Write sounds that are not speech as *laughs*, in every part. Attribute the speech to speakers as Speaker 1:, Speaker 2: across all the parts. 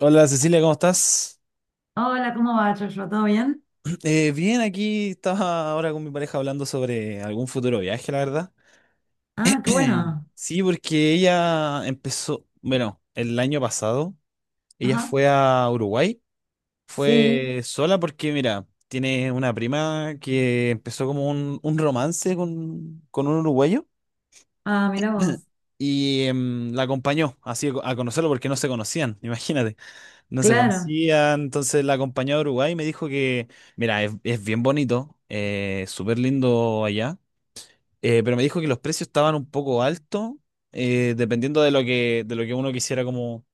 Speaker 1: Hola Cecilia, ¿cómo estás?
Speaker 2: Hola, ¿cómo va, Joshua? ¿Todo bien?
Speaker 1: *clears throat* Bien, aquí estaba ahora con mi pareja hablando sobre algún futuro viaje, la verdad.
Speaker 2: Ah, qué
Speaker 1: *clears throat*
Speaker 2: bueno.
Speaker 1: Sí, porque ella empezó, bueno, el año pasado, ella
Speaker 2: Ajá.
Speaker 1: fue a Uruguay,
Speaker 2: Sí.
Speaker 1: fue sola porque, mira, tiene una prima que empezó como un romance con un uruguayo
Speaker 2: Ah, mira vos.
Speaker 1: y la acompañó así a conocerlo porque no se conocían, *laughs* imagínate. No se
Speaker 2: Claro.
Speaker 1: conocían, entonces la acompañé a Uruguay y me dijo que, mira, es bien bonito, súper lindo allá, pero me dijo que los precios estaban un poco altos, dependiendo de de lo que uno quisiera como,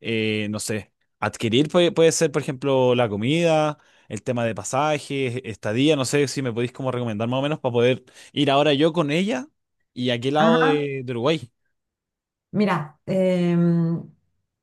Speaker 1: no sé, adquirir. Puede ser, por ejemplo, la comida, el tema de pasajes, estadía, no sé si me podéis como recomendar más o menos para poder ir ahora yo con ella y a qué lado
Speaker 2: Ajá.
Speaker 1: de Uruguay.
Speaker 2: Mira,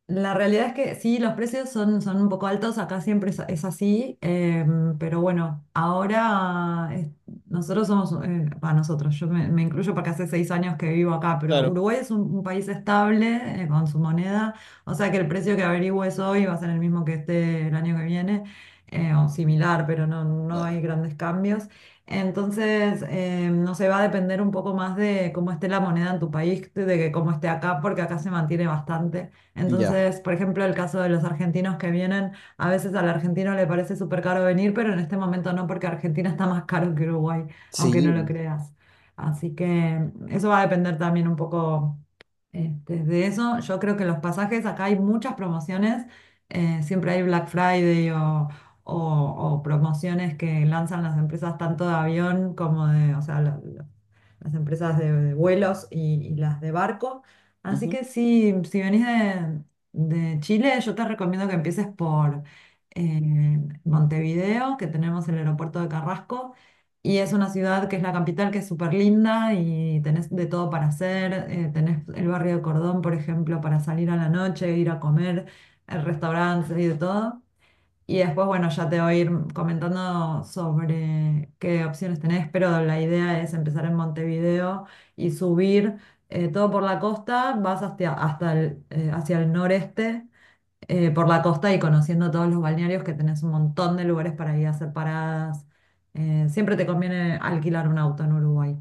Speaker 2: la realidad es que sí, los precios son un poco altos, acá siempre es así, pero bueno, nosotros somos, para nosotros, yo me incluyo porque hace 6 años que vivo acá, pero
Speaker 1: Claro.
Speaker 2: Uruguay es un país estable, con su moneda, o sea que el precio que averigües hoy va a ser el mismo que esté el año que viene, o similar, pero no
Speaker 1: Bueno,
Speaker 2: hay grandes cambios. Entonces, no sé, va a depender un poco más de cómo esté la moneda en tu país, de que cómo esté acá, porque acá se mantiene bastante.
Speaker 1: ya.
Speaker 2: Entonces, por ejemplo, el caso de los argentinos que vienen, a veces al argentino le parece súper caro venir, pero en este momento no, porque Argentina está más caro que Uruguay, aunque
Speaker 1: Sí.
Speaker 2: no lo creas. Así que eso va a depender también un poco de eso. Yo creo que los pasajes, acá hay muchas promociones, siempre hay Black Friday o, o promociones que lanzan las empresas tanto de avión como de, o sea, las empresas de vuelos y las de barco. Así
Speaker 1: Ujú.
Speaker 2: que si venís de Chile, yo te recomiendo que empieces por eh, Montevideo, que tenemos el aeropuerto de Carrasco. Y es una ciudad que es la capital, que es súper linda y tenés de todo para hacer. Tenés el barrio de Cordón, por ejemplo, para salir a la noche, ir a comer, restaurantes y de todo. Y después, bueno, ya te voy a ir comentando sobre qué opciones tenés, pero la idea es empezar en Montevideo y subir todo por la costa, vas hasta hacia el noreste, por la costa y conociendo todos los balnearios que tenés un montón de lugares para ir a hacer paradas. Siempre te conviene alquilar un auto en Uruguay.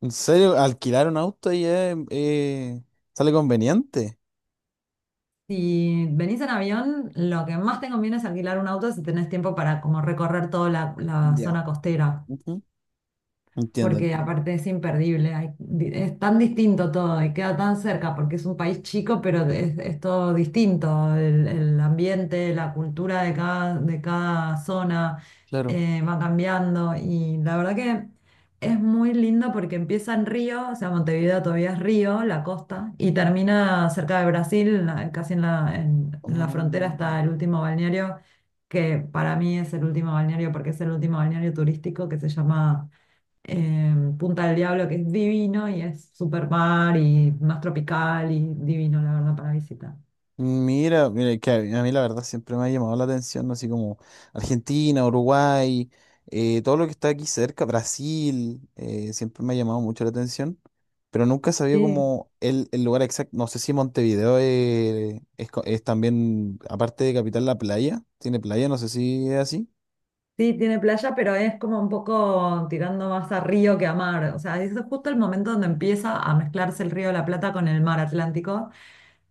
Speaker 1: ¿En serio? Alquilar un auto y es, sale conveniente.
Speaker 2: Si venís en avión, lo que más te conviene es alquilar un auto si tenés tiempo para como recorrer toda la
Speaker 1: Ya.
Speaker 2: zona costera.
Speaker 1: Ujú. Entiendo,
Speaker 2: Porque
Speaker 1: entiendo.
Speaker 2: aparte es imperdible, es tan distinto todo y queda tan cerca porque es un país chico, pero es todo distinto, el ambiente, la cultura de cada zona
Speaker 1: Claro.
Speaker 2: va cambiando y la verdad que es muy lindo porque empieza en Río, o sea, Montevideo todavía es Río, la costa, y termina cerca de Brasil, casi en la frontera
Speaker 1: Mm,
Speaker 2: está el último balneario que para mí es el último balneario porque es el último balneario turístico que se llama Punta del Diablo, que es divino y es super mar y más tropical y divino, la verdad, para visitar.
Speaker 1: mira, mira, que a mí la verdad siempre me ha llamado la atención, así como Argentina, Uruguay, todo lo que está aquí cerca, Brasil, siempre me ha llamado mucho la atención, pero nunca sabía
Speaker 2: Sí,
Speaker 1: como el lugar exacto. No sé si Montevideo es, es también, aparte de capital, la playa, tiene playa, no sé si es así.
Speaker 2: sí, tiene playa, pero es como un poco tirando más a río que a mar. O sea, es justo el momento donde empieza a mezclarse el río de la Plata con el mar Atlántico,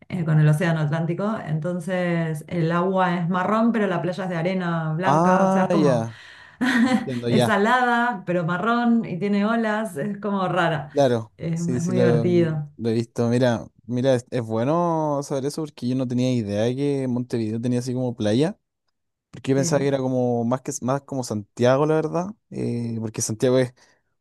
Speaker 2: con el océano Atlántico. Entonces, el agua es marrón, pero la playa es de arena blanca, o sea,
Speaker 1: Ah,
Speaker 2: es como
Speaker 1: ya.
Speaker 2: *laughs*
Speaker 1: Entiendo
Speaker 2: es
Speaker 1: ya,
Speaker 2: salada, pero marrón y tiene olas, es como rara.
Speaker 1: claro,
Speaker 2: Es
Speaker 1: sí, sí
Speaker 2: muy divertido.
Speaker 1: lo he visto. Mira, mira, es bueno saber eso porque yo no tenía idea de que Montevideo tenía así como playa, porque yo pensaba que
Speaker 2: Sí.
Speaker 1: era como más que más como Santiago, la verdad, porque Santiago es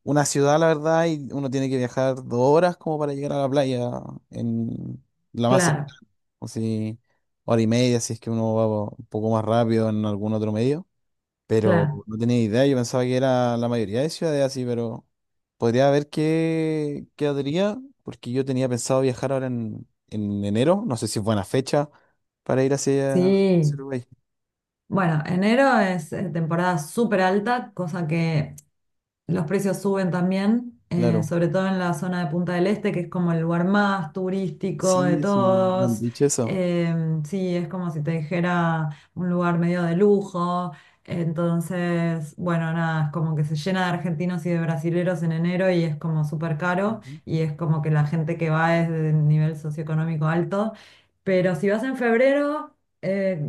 Speaker 1: una ciudad, la verdad, y uno tiene que viajar 2 horas como para llegar a la playa en la más
Speaker 2: Claro,
Speaker 1: cercana, o si 1 hora y media, si es que uno va un poco más rápido en algún otro medio. Pero
Speaker 2: claro.
Speaker 1: no tenía idea, yo pensaba que era la mayoría de ciudades así, pero podría ver qué quedaría, porque yo tenía pensado viajar ahora en enero, no sé si es buena fecha para ir hacia, hacia
Speaker 2: Sí.
Speaker 1: Uruguay.
Speaker 2: Bueno, enero es temporada súper alta, cosa que los precios suben también,
Speaker 1: Claro.
Speaker 2: sobre todo en la zona de Punta del Este, que es como el lugar más turístico de
Speaker 1: Sí, sí, me han
Speaker 2: todos.
Speaker 1: dicho eso.
Speaker 2: Sí, es como si te dijera un lugar medio de lujo. Entonces, bueno, nada, es como que se llena de argentinos y de brasileros en enero y es como súper caro
Speaker 1: Ujú.
Speaker 2: y es como que la gente que va es de nivel socioeconómico alto. Pero si vas en febrero, eh,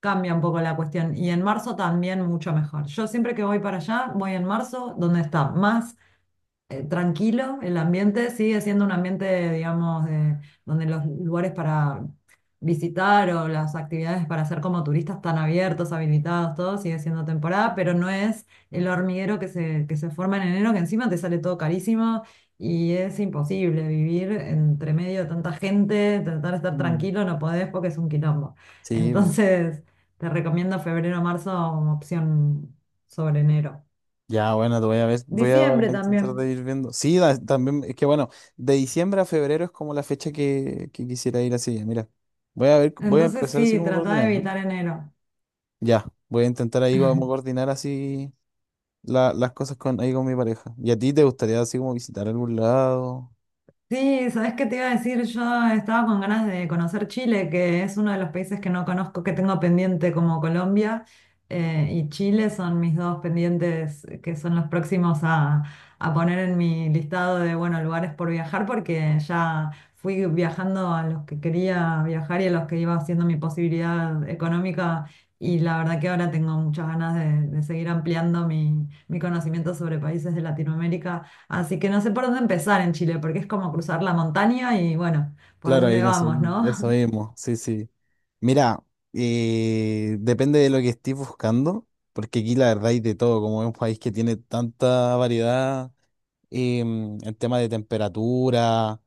Speaker 2: cambia un poco la cuestión. Y en marzo también mucho mejor. Yo siempre que voy para allá, voy en marzo, donde está más tranquilo, el ambiente sigue siendo un ambiente, digamos, donde los lugares para visitar o las actividades para hacer como turistas están abiertos, habilitados, todo sigue siendo temporada, pero no es el hormiguero que se forma en enero, que encima te sale todo carísimo y es imposible vivir entre medio de tanta gente, tratar de estar
Speaker 1: Mm.
Speaker 2: tranquilo, no podés porque es un quilombo.
Speaker 1: Sí, bo.
Speaker 2: Entonces, te recomiendo febrero marzo como opción sobre enero.
Speaker 1: Ya, bueno, te voy a ver, voy a
Speaker 2: Diciembre
Speaker 1: intentar
Speaker 2: también.
Speaker 1: de ir viendo. Sí, también, es que bueno, de diciembre a febrero es como la fecha que quisiera ir así, mira. Voy a ver, voy a
Speaker 2: Entonces
Speaker 1: empezar así
Speaker 2: sí,
Speaker 1: como
Speaker 2: tratá de
Speaker 1: coordinar.
Speaker 2: evitar enero.
Speaker 1: Ya, voy a intentar ahí como coordinar así las cosas con, ahí con mi pareja. ¿Y a ti te gustaría así como visitar algún lado?
Speaker 2: Sí, ¿sabés qué te iba a decir? Yo estaba con ganas de conocer Chile, que es uno de los países que no conozco, que tengo pendiente como Colombia, y Chile son mis dos pendientes que son los próximos a poner en mi listado de, bueno, lugares por viajar, porque ya fui viajando a los que quería viajar y a los que iba haciendo mi posibilidad económica, y la verdad que ahora tengo muchas ganas de seguir ampliando mi conocimiento sobre países de Latinoamérica. Así que no sé por dónde empezar en Chile, porque es como cruzar la montaña y bueno, por
Speaker 1: Claro, ahí
Speaker 2: dónde
Speaker 1: no sé,
Speaker 2: vamos,
Speaker 1: eso
Speaker 2: ¿no?
Speaker 1: mismo, sí, sí. Mira, depende de lo que estés buscando, porque aquí la verdad hay de todo, como es un país que tiene tanta variedad en tema de temperatura,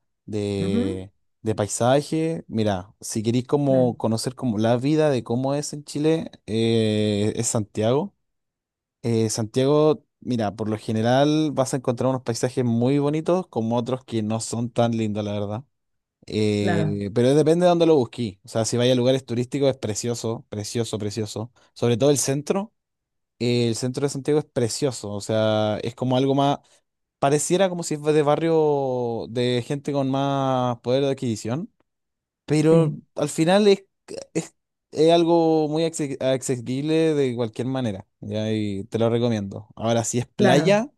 Speaker 2: *laughs* Ujú,
Speaker 1: de, de paisaje. Mira, si queréis como
Speaker 2: claro,
Speaker 1: conocer como la vida de cómo es en Chile, es Santiago. Santiago, mira, por lo general vas a encontrar unos paisajes muy bonitos como otros que no son tan lindos, la verdad.
Speaker 2: claro,
Speaker 1: Pero depende de dónde lo busquís. O sea, si vais a lugares turísticos es precioso, precioso, precioso. Sobre todo el centro. El centro de Santiago es precioso. O sea, es como algo más... Pareciera como si fuese de barrio de gente con más poder de adquisición. Pero
Speaker 2: sí,
Speaker 1: al final es, es algo muy accesible de cualquier manera, ¿ya? Y te lo recomiendo. Ahora, si es
Speaker 2: claro.
Speaker 1: playa,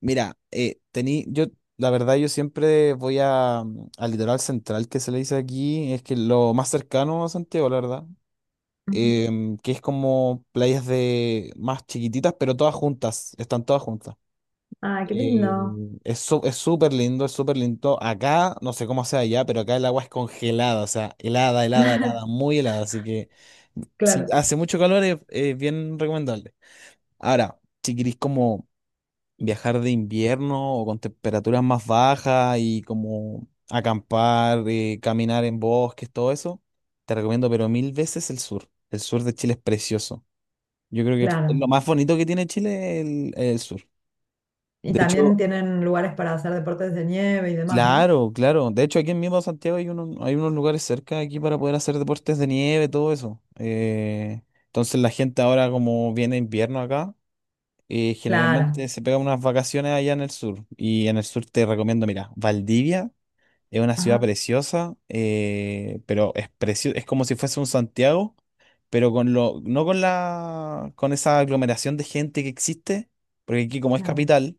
Speaker 1: mira, tení, yo, la verdad, yo siempre voy a, al litoral central que se le dice aquí, es que lo más cercano a Santiago, la verdad,
Speaker 2: Ujú.
Speaker 1: que es como playas de más chiquititas, pero todas juntas, están todas juntas.
Speaker 2: Ah, qué
Speaker 1: Eh,
Speaker 2: lindo.
Speaker 1: es es súper lindo, es súper lindo. Acá, no sé cómo sea allá, pero acá el agua es congelada, o sea, helada, helada, helada,
Speaker 2: *laughs*
Speaker 1: muy helada. Así que si
Speaker 2: Claro,
Speaker 1: hace mucho calor es bien recomendable. Ahora, si queréis como viajar de invierno o con temperaturas más bajas y como acampar, caminar en bosques, todo eso, te recomiendo, pero mil veces el sur. El sur de Chile es precioso. Yo creo que es lo
Speaker 2: claro.
Speaker 1: más bonito que tiene Chile el sur.
Speaker 2: Y
Speaker 1: De hecho,
Speaker 2: también tienen lugares para hacer deportes de nieve y demás, ¿no?
Speaker 1: claro, claro. De hecho, aquí en mismo Santiago hay unos lugares cerca aquí para poder hacer deportes de nieve, todo eso. Entonces la gente ahora como viene invierno acá,
Speaker 2: Claro.
Speaker 1: generalmente se pega unas vacaciones allá en el sur. Y en el sur te recomiendo, mira, Valdivia es una ciudad
Speaker 2: Ajá,
Speaker 1: preciosa, pero es es como si fuese un Santiago, pero con lo, no con la, con esa aglomeración de gente que existe, porque aquí como es
Speaker 2: claro.
Speaker 1: capital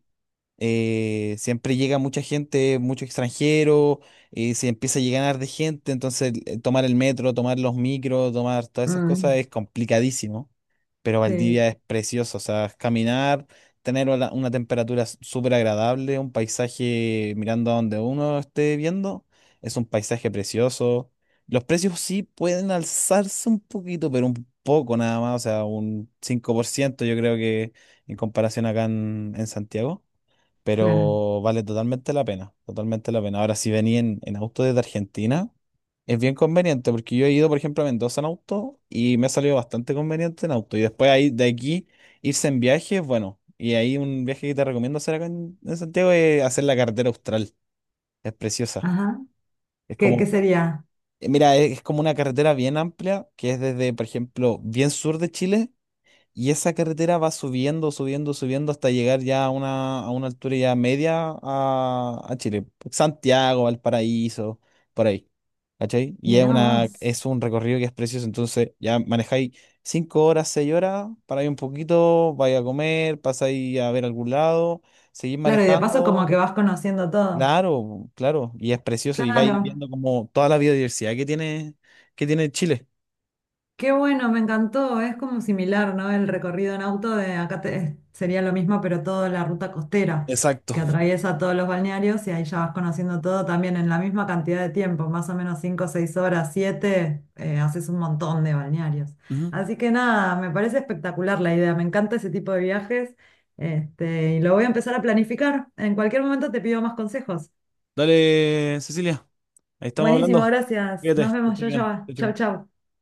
Speaker 1: siempre llega mucha gente, mucho extranjero, y se empieza a llegar de gente, entonces tomar el metro, tomar los micros, tomar todas esas cosas
Speaker 2: Mm,
Speaker 1: es complicadísimo, pero
Speaker 2: sí,
Speaker 1: Valdivia es precioso, o sea, caminar, tener una temperatura súper agradable, un paisaje mirando a donde uno esté viendo, es un paisaje precioso. Los precios sí pueden alzarse un poquito, pero un poco nada más, o sea, un 5% yo creo que en comparación acá en Santiago,
Speaker 2: claro.
Speaker 1: pero vale totalmente la pena, totalmente la pena. Ahora, si venía en auto desde Argentina, es bien conveniente, porque yo he ido, por ejemplo, a Mendoza en auto y me ha salido bastante conveniente en auto. Y después ahí, de aquí, irse en viaje es bueno. Y ahí un viaje que te recomiendo hacer acá en Santiago es hacer la carretera Austral. Es preciosa.
Speaker 2: Ajá.
Speaker 1: Es
Speaker 2: ¿Qué
Speaker 1: como,
Speaker 2: sería?
Speaker 1: mira, es como una carretera bien amplia, que es desde, por ejemplo, bien sur de Chile y esa carretera va subiendo, subiendo, subiendo hasta llegar ya a una altura ya media a Chile. Santiago, Valparaíso, por ahí. ¿Cachai? Y
Speaker 2: Mirá vos.
Speaker 1: es un recorrido que es precioso. Entonces ya manejáis 5 horas, 6 horas, paráis un poquito, vais a comer, pasáis a ver algún lado, seguís
Speaker 2: Claro, y de paso como que
Speaker 1: manejando.
Speaker 2: vas conociendo todo.
Speaker 1: Claro, claro. Y es precioso. Y vais
Speaker 2: Claro.
Speaker 1: viendo como toda la biodiversidad que tiene Chile.
Speaker 2: Qué bueno, me encantó. Es como similar, ¿no? El recorrido en auto de acá sería lo mismo, pero toda la ruta costera
Speaker 1: Exacto.
Speaker 2: que atraviesa todos los balnearios y ahí ya vas conociendo todo también en la misma cantidad de tiempo, más o menos 5, 6 horas, 7, haces un montón de balnearios.
Speaker 1: Ujú.
Speaker 2: Así que nada, me parece espectacular la idea, me encanta ese tipo de viajes, y lo voy a empezar a planificar. En cualquier momento te pido más consejos.
Speaker 1: Dale, Cecilia. Ahí estamos
Speaker 2: Buenísimo,
Speaker 1: hablando.
Speaker 2: gracias.
Speaker 1: Fíjate,
Speaker 2: Nos
Speaker 1: que
Speaker 2: vemos,
Speaker 1: estés
Speaker 2: yo,
Speaker 1: bien.
Speaker 2: yo.
Speaker 1: Chau,
Speaker 2: Chau,
Speaker 1: chau.
Speaker 2: chau.